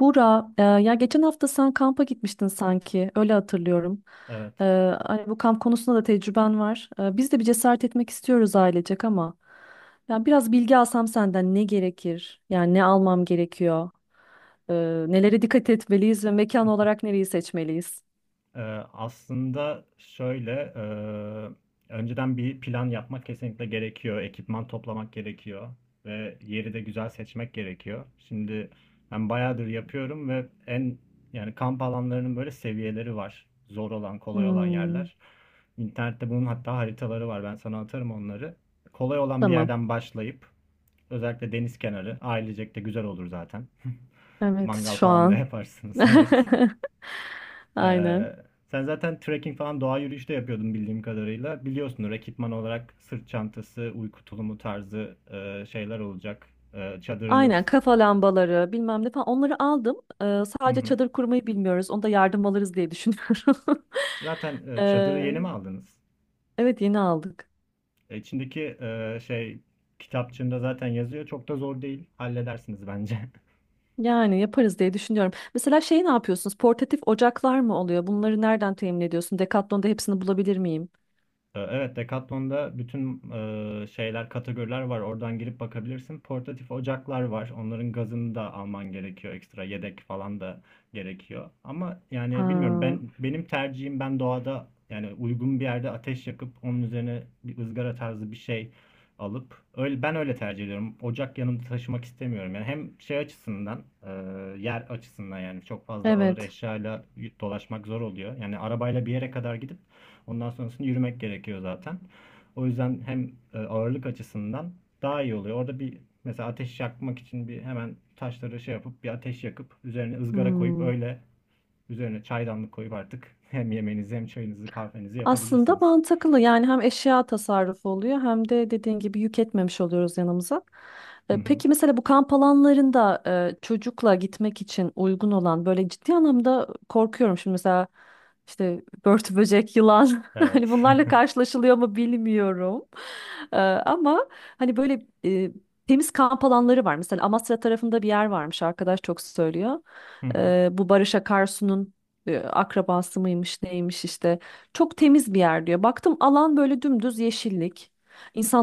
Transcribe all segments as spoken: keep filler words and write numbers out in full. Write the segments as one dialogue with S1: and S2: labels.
S1: Bura, e, ya geçen hafta sen kampa gitmiştin sanki, öyle hatırlıyorum.
S2: Evet.
S1: E, Hani bu kamp konusunda da tecrüben var. E, biz de bir cesaret etmek istiyoruz ailecek ama ya biraz bilgi alsam senden ne gerekir? Yani ne almam gerekiyor? E, Nelere dikkat etmeliyiz ve mekan olarak nereyi seçmeliyiz?
S2: Ee, aslında şöyle, e, önceden bir plan yapmak kesinlikle gerekiyor. Ekipman toplamak gerekiyor ve yeri de güzel seçmek gerekiyor. Şimdi ben bayağıdır yapıyorum ve en yani kamp alanlarının böyle seviyeleri var. Zor olan, kolay olan
S1: Hmm,
S2: yerler. İnternette bunun hatta haritaları var. Ben sana atarım onları. Kolay olan bir
S1: tamam.
S2: yerden başlayıp özellikle deniz kenarı ailecek de güzel olur zaten.
S1: Evet,
S2: Mangal
S1: şu
S2: falan da
S1: an.
S2: yaparsınız, evet.
S1: Aynen.
S2: Ee, sen zaten trekking falan doğa yürüyüşü de yapıyordun bildiğim kadarıyla. Biliyorsunuz ekipman olarak sırt çantası, uyku tulumu tarzı e, şeyler olacak. E, çadırınız.
S1: Aynen kafa lambaları bilmem ne falan onları aldım. E,
S2: Hı
S1: sadece
S2: hı.
S1: çadır kurmayı bilmiyoruz. Onda yardım alırız diye düşünüyorum.
S2: Zaten e, çadırı
S1: Ee,
S2: yeni mi aldınız?
S1: evet yeni aldık.
S2: E, İçindeki e, şey kitapçığında zaten yazıyor. Çok da zor değil. Halledersiniz bence.
S1: Yani yaparız diye düşünüyorum. Mesela şey ne yapıyorsunuz? Portatif ocaklar mı oluyor? Bunları nereden temin ediyorsun? Decathlon'da hepsini bulabilir miyim?
S2: Ee, Evet, Decathlon'da bütün e, şeyler, kategoriler var. Oradan girip bakabilirsin. Portatif ocaklar var. Onların gazını da alman gerekiyor. Ekstra yedek falan da gerekiyor. Ama yani bilmiyorum
S1: Ha,
S2: ben benim tercihim ben doğada yani uygun bir yerde ateş yakıp onun üzerine bir ızgara tarzı bir şey alıp öyle ben öyle tercih ediyorum. Ocak yanımda taşımak istemiyorum. Yani hem şey açısından, e, yer açısından yani çok fazla ağır
S1: evet.
S2: eşyayla dolaşmak zor oluyor. Yani arabayla bir yere kadar gidip ondan sonrasında yürümek gerekiyor zaten. O yüzden hem e, ağırlık açısından daha iyi oluyor. Orada bir mesela ateş yakmak için bir hemen taşları şey yapıp bir ateş yakıp üzerine ızgara koyup
S1: Hmm.
S2: öyle üzerine çaydanlık koyup artık hem yemeğinizi hem çayınızı kahvenizi
S1: Aslında
S2: yapabilirsiniz.
S1: mantıklı yani hem eşya tasarrufu oluyor hem de dediğin gibi yük etmemiş oluyoruz yanımıza.
S2: Hı
S1: E,
S2: hı.
S1: Peki mesela bu kamp alanlarında e, çocukla gitmek için uygun olan böyle ciddi anlamda korkuyorum şimdi mesela işte börtü böcek, yılan,
S2: Evet.
S1: hani bunlarla karşılaşılıyor mu bilmiyorum. E, Ama hani böyle e, temiz kamp alanları var. Mesela Amasra tarafında bir yer varmış arkadaş çok söylüyor.
S2: Hı hı.
S1: E, Bu Barış Akarsu'nun e, akrabası mıymış neymiş işte çok temiz bir yer diyor. Baktım alan böyle dümdüz yeşillik.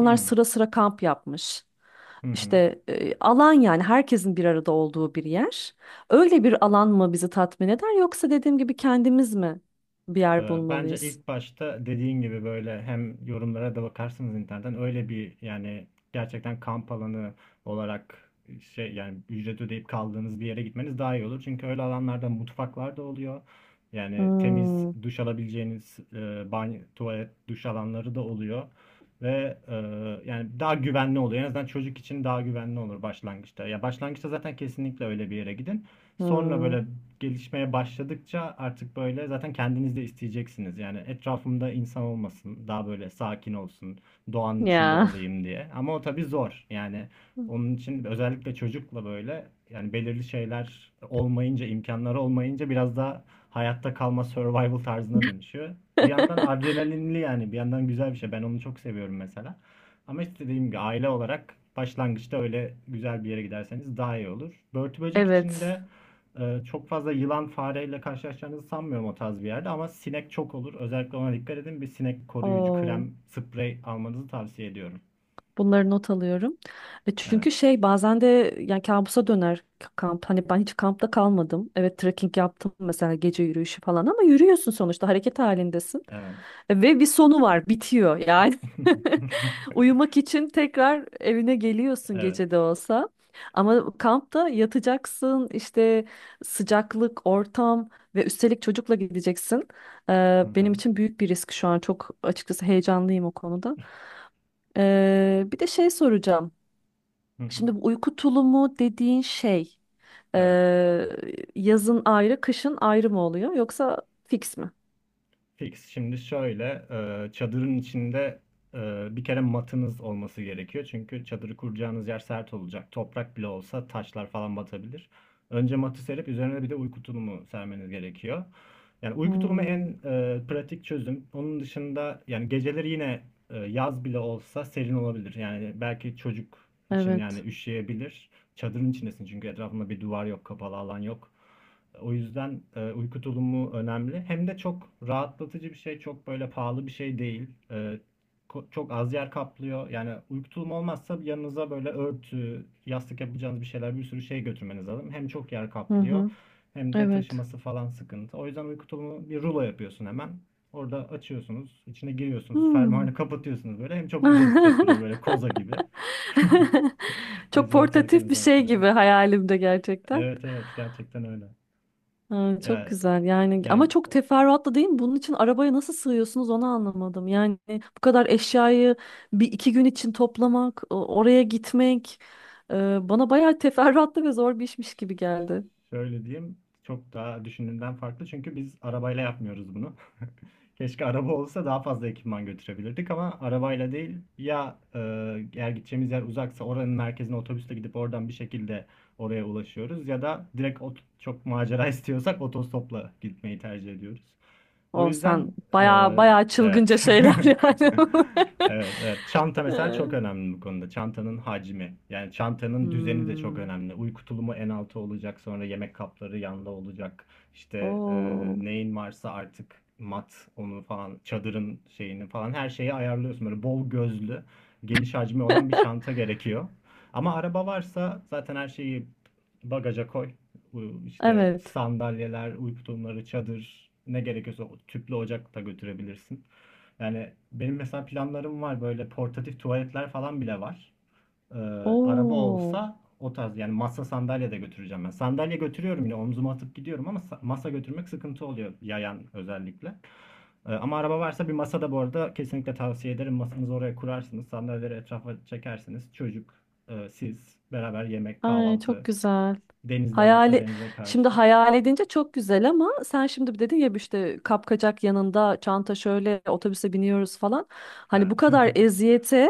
S2: Hı hı.
S1: sıra sıra kamp yapmış.
S2: Hı hı.
S1: İşte e, alan yani herkesin bir arada olduğu bir yer. Öyle bir alan mı bizi tatmin eder yoksa dediğim gibi kendimiz mi bir yer
S2: Ee, bence
S1: bulmalıyız?
S2: ilk başta dediğin gibi böyle hem yorumlara da bakarsınız internetten öyle bir yani gerçekten kamp alanı olarak şey yani ücret ödeyip kaldığınız bir yere gitmeniz daha iyi olur. Çünkü öyle alanlarda mutfaklar da oluyor. Yani temiz
S1: Hmm,
S2: duş alabileceğiniz e, banyo, tuvalet, duş alanları da oluyor. Ve e, yani daha güvenli oluyor. En azından çocuk için daha güvenli olur başlangıçta. Ya başlangıçta zaten kesinlikle öyle bir yere gidin. Sonra
S1: hmm.
S2: böyle gelişmeye başladıkça artık böyle zaten kendiniz de isteyeceksiniz. Yani etrafımda insan olmasın, daha böyle sakin olsun, doğanın içinde
S1: Ya.
S2: olayım diye. Ama o tabii zor. Yani onun için özellikle çocukla böyle yani belirli şeyler olmayınca, imkanları olmayınca biraz daha hayatta kalma survival tarzına dönüşüyor. Bir yandan adrenalinli yani bir yandan güzel bir şey. Ben onu çok seviyorum mesela. Ama işte dediğim gibi aile olarak başlangıçta öyle güzel bir yere giderseniz daha iyi olur. Börtü böcek için
S1: Evet.
S2: de ee, çok fazla yılan fareyle karşılaşacağınızı sanmıyorum o tarz bir yerde ama sinek çok olur. Özellikle ona dikkat edin. Bir sinek koruyucu
S1: Oo.
S2: krem, sprey almanızı tavsiye ediyorum.
S1: Bunları not alıyorum. E
S2: Evet.
S1: çünkü şey bazen de yani kabusa döner k- kamp. Hani ben hiç kampta kalmadım. Evet trekking yaptım mesela gece yürüyüşü falan ama yürüyorsun sonuçta hareket halindesin.
S2: Evet.
S1: E, ve bir sonu var, bitiyor yani. Uyumak için tekrar evine geliyorsun
S2: Evet.
S1: gece de olsa. Ama kampta yatacaksın işte sıcaklık, ortam ve üstelik çocukla gideceksin. E,
S2: Hı hı.
S1: benim için büyük bir risk şu an çok açıkçası heyecanlıyım o konuda. Ee, bir de şey soracağım.
S2: Hı hı.
S1: Şimdi bu uyku tulumu dediğin şey
S2: Evet.
S1: ee, yazın ayrı, kışın ayrı mı oluyor yoksa fix mi?
S2: Fix. Şimdi şöyle e, çadırın içinde e, bir kere matınız olması gerekiyor. Çünkü çadırı kuracağınız yer sert olacak. Toprak bile olsa taşlar falan batabilir. Önce matı serip üzerine bir de uyku tulumu sermeniz gerekiyor. Yani uyku tulumu en
S1: Hmm,
S2: e, pratik çözüm. Onun dışında yani geceleri yine e, yaz bile olsa serin olabilir. Yani belki çocuk için yani
S1: evet.
S2: üşüyebilir. Çadırın içindesin çünkü etrafında bir duvar yok, kapalı alan yok. O yüzden e, uyku tulumu önemli. Hem de çok rahatlatıcı bir şey, çok böyle pahalı bir şey değil. E, çok az yer kaplıyor. Yani uyku tulumu olmazsa yanınıza böyle örtü, yastık yapacağınız bir şeyler, bir sürü şey götürmeniz lazım. Hem çok yer
S1: Hı
S2: kaplıyor,
S1: hı,
S2: hem de
S1: evet.
S2: taşıması falan sıkıntı. O yüzden uyku tulumu bir rulo yapıyorsun hemen. Orada açıyorsunuz, içine giriyorsunuz,
S1: Hmm.
S2: fermuarını kapatıyorsunuz böyle. Hem çok güzel hissettiriyor böyle koza gibi.
S1: Çok
S2: Gece yatarken
S1: portatif bir şey
S2: özellikle.
S1: gibi hayalimde gerçekten.
S2: Evet evet gerçekten öyle.
S1: Ha, çok
S2: Yani,
S1: güzel yani ama
S2: yani
S1: çok teferruatlı değil mi? Bunun için arabaya nasıl sığıyorsunuz onu anlamadım. Yani bu kadar eşyayı bir iki gün için toplamak, o- oraya gitmek, e, bana bayağı teferruatlı ve zor bir işmiş gibi geldi.
S2: şöyle diyeyim, çok daha düşündüğümden farklı çünkü biz arabayla yapmıyoruz bunu. Keşke araba olsa daha fazla ekipman götürebilirdik ama arabayla değil ya, e, eğer gideceğimiz yer uzaksa oranın merkezine otobüsle gidip oradan bir şekilde oraya ulaşıyoruz ya da direkt ot- çok macera istiyorsak otostopla gitmeyi tercih ediyoruz. O
S1: O sen
S2: yüzden
S1: bayağı
S2: eee,
S1: bayağı
S2: evet.
S1: çılgınca şeyler yani.
S2: Evet, evet. Çanta mesela çok önemli bu konuda. Çantanın hacmi. Yani çantanın düzeni de çok
S1: Hmm.
S2: önemli. Uyku tulumu en altı olacak. Sonra yemek kapları yanda olacak. İşte eee,
S1: Oo.
S2: neyin varsa artık mat onu falan çadırın şeyini falan her şeyi ayarlıyorsun. Böyle bol gözlü geniş hacmi olan bir çanta gerekiyor. Ama araba varsa zaten her şeyi bagaja koy. Bu işte
S1: Evet.
S2: sandalyeler, uyku tulumları, çadır ne gerekiyorsa o tüplü ocak da götürebilirsin. Yani benim mesela planlarım var böyle portatif tuvaletler falan bile var. Ee, araba
S1: Oo.
S2: olsa o tarz yani masa sandalye de götüreceğim ben. Sandalye götürüyorum yine omzuma atıp gidiyorum ama sa- masa götürmek sıkıntı oluyor yayan özellikle. Ee, ama araba varsa bir masa da bu arada kesinlikle tavsiye ederim. Masanızı oraya kurarsınız, sandalyeleri etrafa çekersiniz. Çocuk, e, siz beraber yemek,
S1: Ay çok
S2: kahvaltı.
S1: güzel.
S2: Denizde varsa
S1: Hayali
S2: denize
S1: şimdi
S2: karşı.
S1: hayal edince çok güzel ama sen şimdi bir dedin ya işte kapkacak yanında çanta şöyle otobüse biniyoruz falan. Hani bu
S2: Evet.
S1: kadar eziyete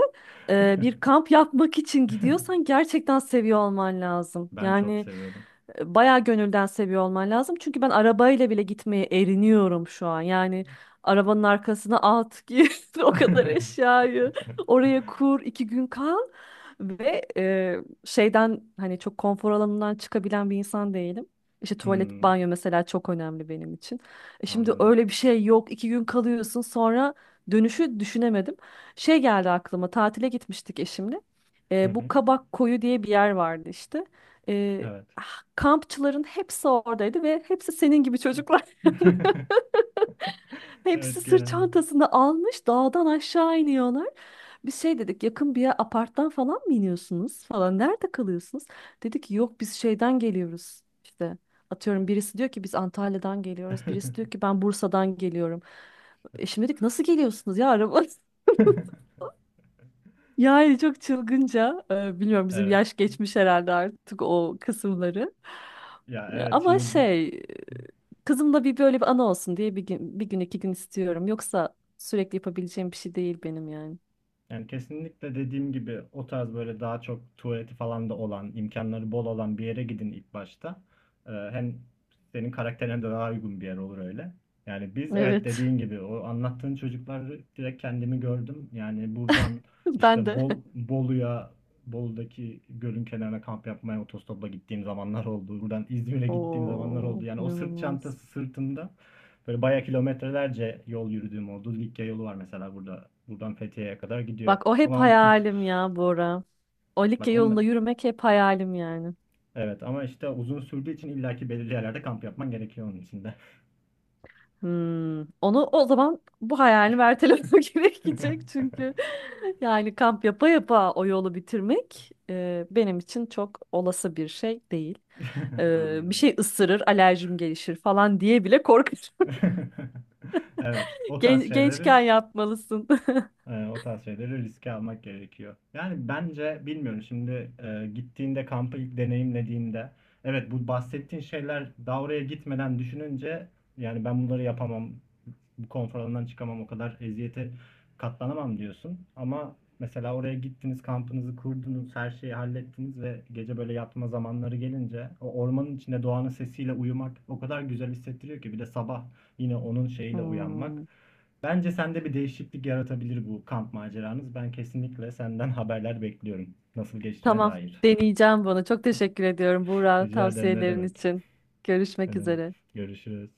S1: e, bir kamp yapmak için gidiyorsan gerçekten seviyor olman lazım.
S2: Ben çok
S1: Yani
S2: seviyorum.
S1: e, bayağı gönülden seviyor olman lazım. Çünkü ben arabayla bile gitmeye eriniyorum şu an. Yani arabanın arkasına at, gir o kadar eşyayı oraya kur, iki gün kal ve e, şeyden hani çok konfor alanından çıkabilen bir insan değilim. İşte tuvalet,
S2: Hmm,
S1: banyo mesela çok önemli benim için. E şimdi
S2: anladım.
S1: öyle bir şey yok. İki gün kalıyorsun sonra dönüşü düşünemedim. Şey geldi aklıma tatile gitmiştik eşimle. E, bu Kabak Koyu diye bir yer vardı işte. E,
S2: Evet.
S1: ah, kampçıların hepsi oradaydı ve hepsi senin gibi çocuklar. Hepsi
S2: Evet
S1: sırt
S2: genelde.
S1: çantasını almış dağdan aşağı iniyorlar. Biz şey dedik yakın bir yer aparttan falan mı iniyorsunuz falan nerede kalıyorsunuz? Dedi ki yok biz şeyden geliyoruz işte atıyorum birisi diyor ki biz Antalya'dan geliyoruz birisi diyor ki ben Bursa'dan geliyorum. Eşim dedik nasıl geliyorsunuz ya araba? Yani çok çılgınca, e, bilmiyorum bizim
S2: Evet.
S1: yaş geçmiş herhalde artık o kısımları.
S2: Ya evet
S1: Ama
S2: şimdi.
S1: şey, kızımla bir böyle bir anı olsun diye bir gün, bir gün iki gün istiyorum. Yoksa sürekli yapabileceğim bir şey değil benim yani.
S2: Yani kesinlikle dediğim gibi o tarz böyle daha çok tuvaleti falan da olan, imkanları bol olan bir yere gidin ilk başta. Ee, hem senin karakterine de daha uygun bir yer olur öyle. Yani biz evet
S1: Evet,
S2: dediğin gibi o anlattığın çocukları direkt kendimi gördüm. Yani buradan
S1: ben
S2: işte
S1: de.
S2: Bol, Bolu'ya, Bolu'daki gölün kenarına kamp yapmaya otostopla gittiğim zamanlar oldu. Buradan İzmir'e gittiğim zamanlar oldu.
S1: Oo,
S2: Yani o sırt
S1: inanılmaz.
S2: çantası sırtında böyle bayağı kilometrelerce yol yürüdüğüm oldu. Likya yolu var mesela burada. Buradan Fethiye'ye kadar gidiyor.
S1: Bak o hep
S2: Tamam.
S1: hayalim ya Bora. O like
S2: Bak
S1: yolunda
S2: on
S1: yürümek hep hayalim yani.
S2: Evet ama işte uzun sürdüğü için illaki belirli yerlerde kamp yapman gerekiyor onun içinde.
S1: Hmm, onu o zaman bu hayalini ertelemek gerekecek çünkü yani kamp yapa yapa o yolu bitirmek e, benim için çok olası bir şey değil. E, bir
S2: Anlıyorum.
S1: şey ısırır, alerjim gelişir falan diye bile korkarım.
S2: Evet, o tarz
S1: Gen-
S2: şeyleri
S1: gençken yapmalısın.
S2: e, o tarz şeyleri riske almak gerekiyor. Yani bence bilmiyorum şimdi e, gittiğinde kampı ilk deneyimlediğinde evet bu bahsettiğin şeyler daha oraya gitmeden düşününce yani ben bunları yapamam, konfor alanından çıkamam, o kadar eziyete katlanamam diyorsun. Ama mesela oraya gittiniz, kampınızı kurdunuz, her şeyi hallettiniz ve gece böyle yatma zamanları gelince o ormanın içinde doğanın sesiyle uyumak o kadar güzel hissettiriyor ki bir de sabah yine onun şeyiyle uyanmak.
S1: Hmm,
S2: Bence sende bir değişiklik yaratabilir bu kamp maceranız. Ben kesinlikle senden haberler bekliyorum. Nasıl geçtiğine
S1: tamam,
S2: dair.
S1: deneyeceğim bunu. Çok teşekkür ediyorum Buğra
S2: Rica ederim, ne
S1: tavsiyelerin
S2: demek.
S1: için.
S2: Ne
S1: Görüşmek
S2: demek.
S1: üzere.
S2: Görüşürüz.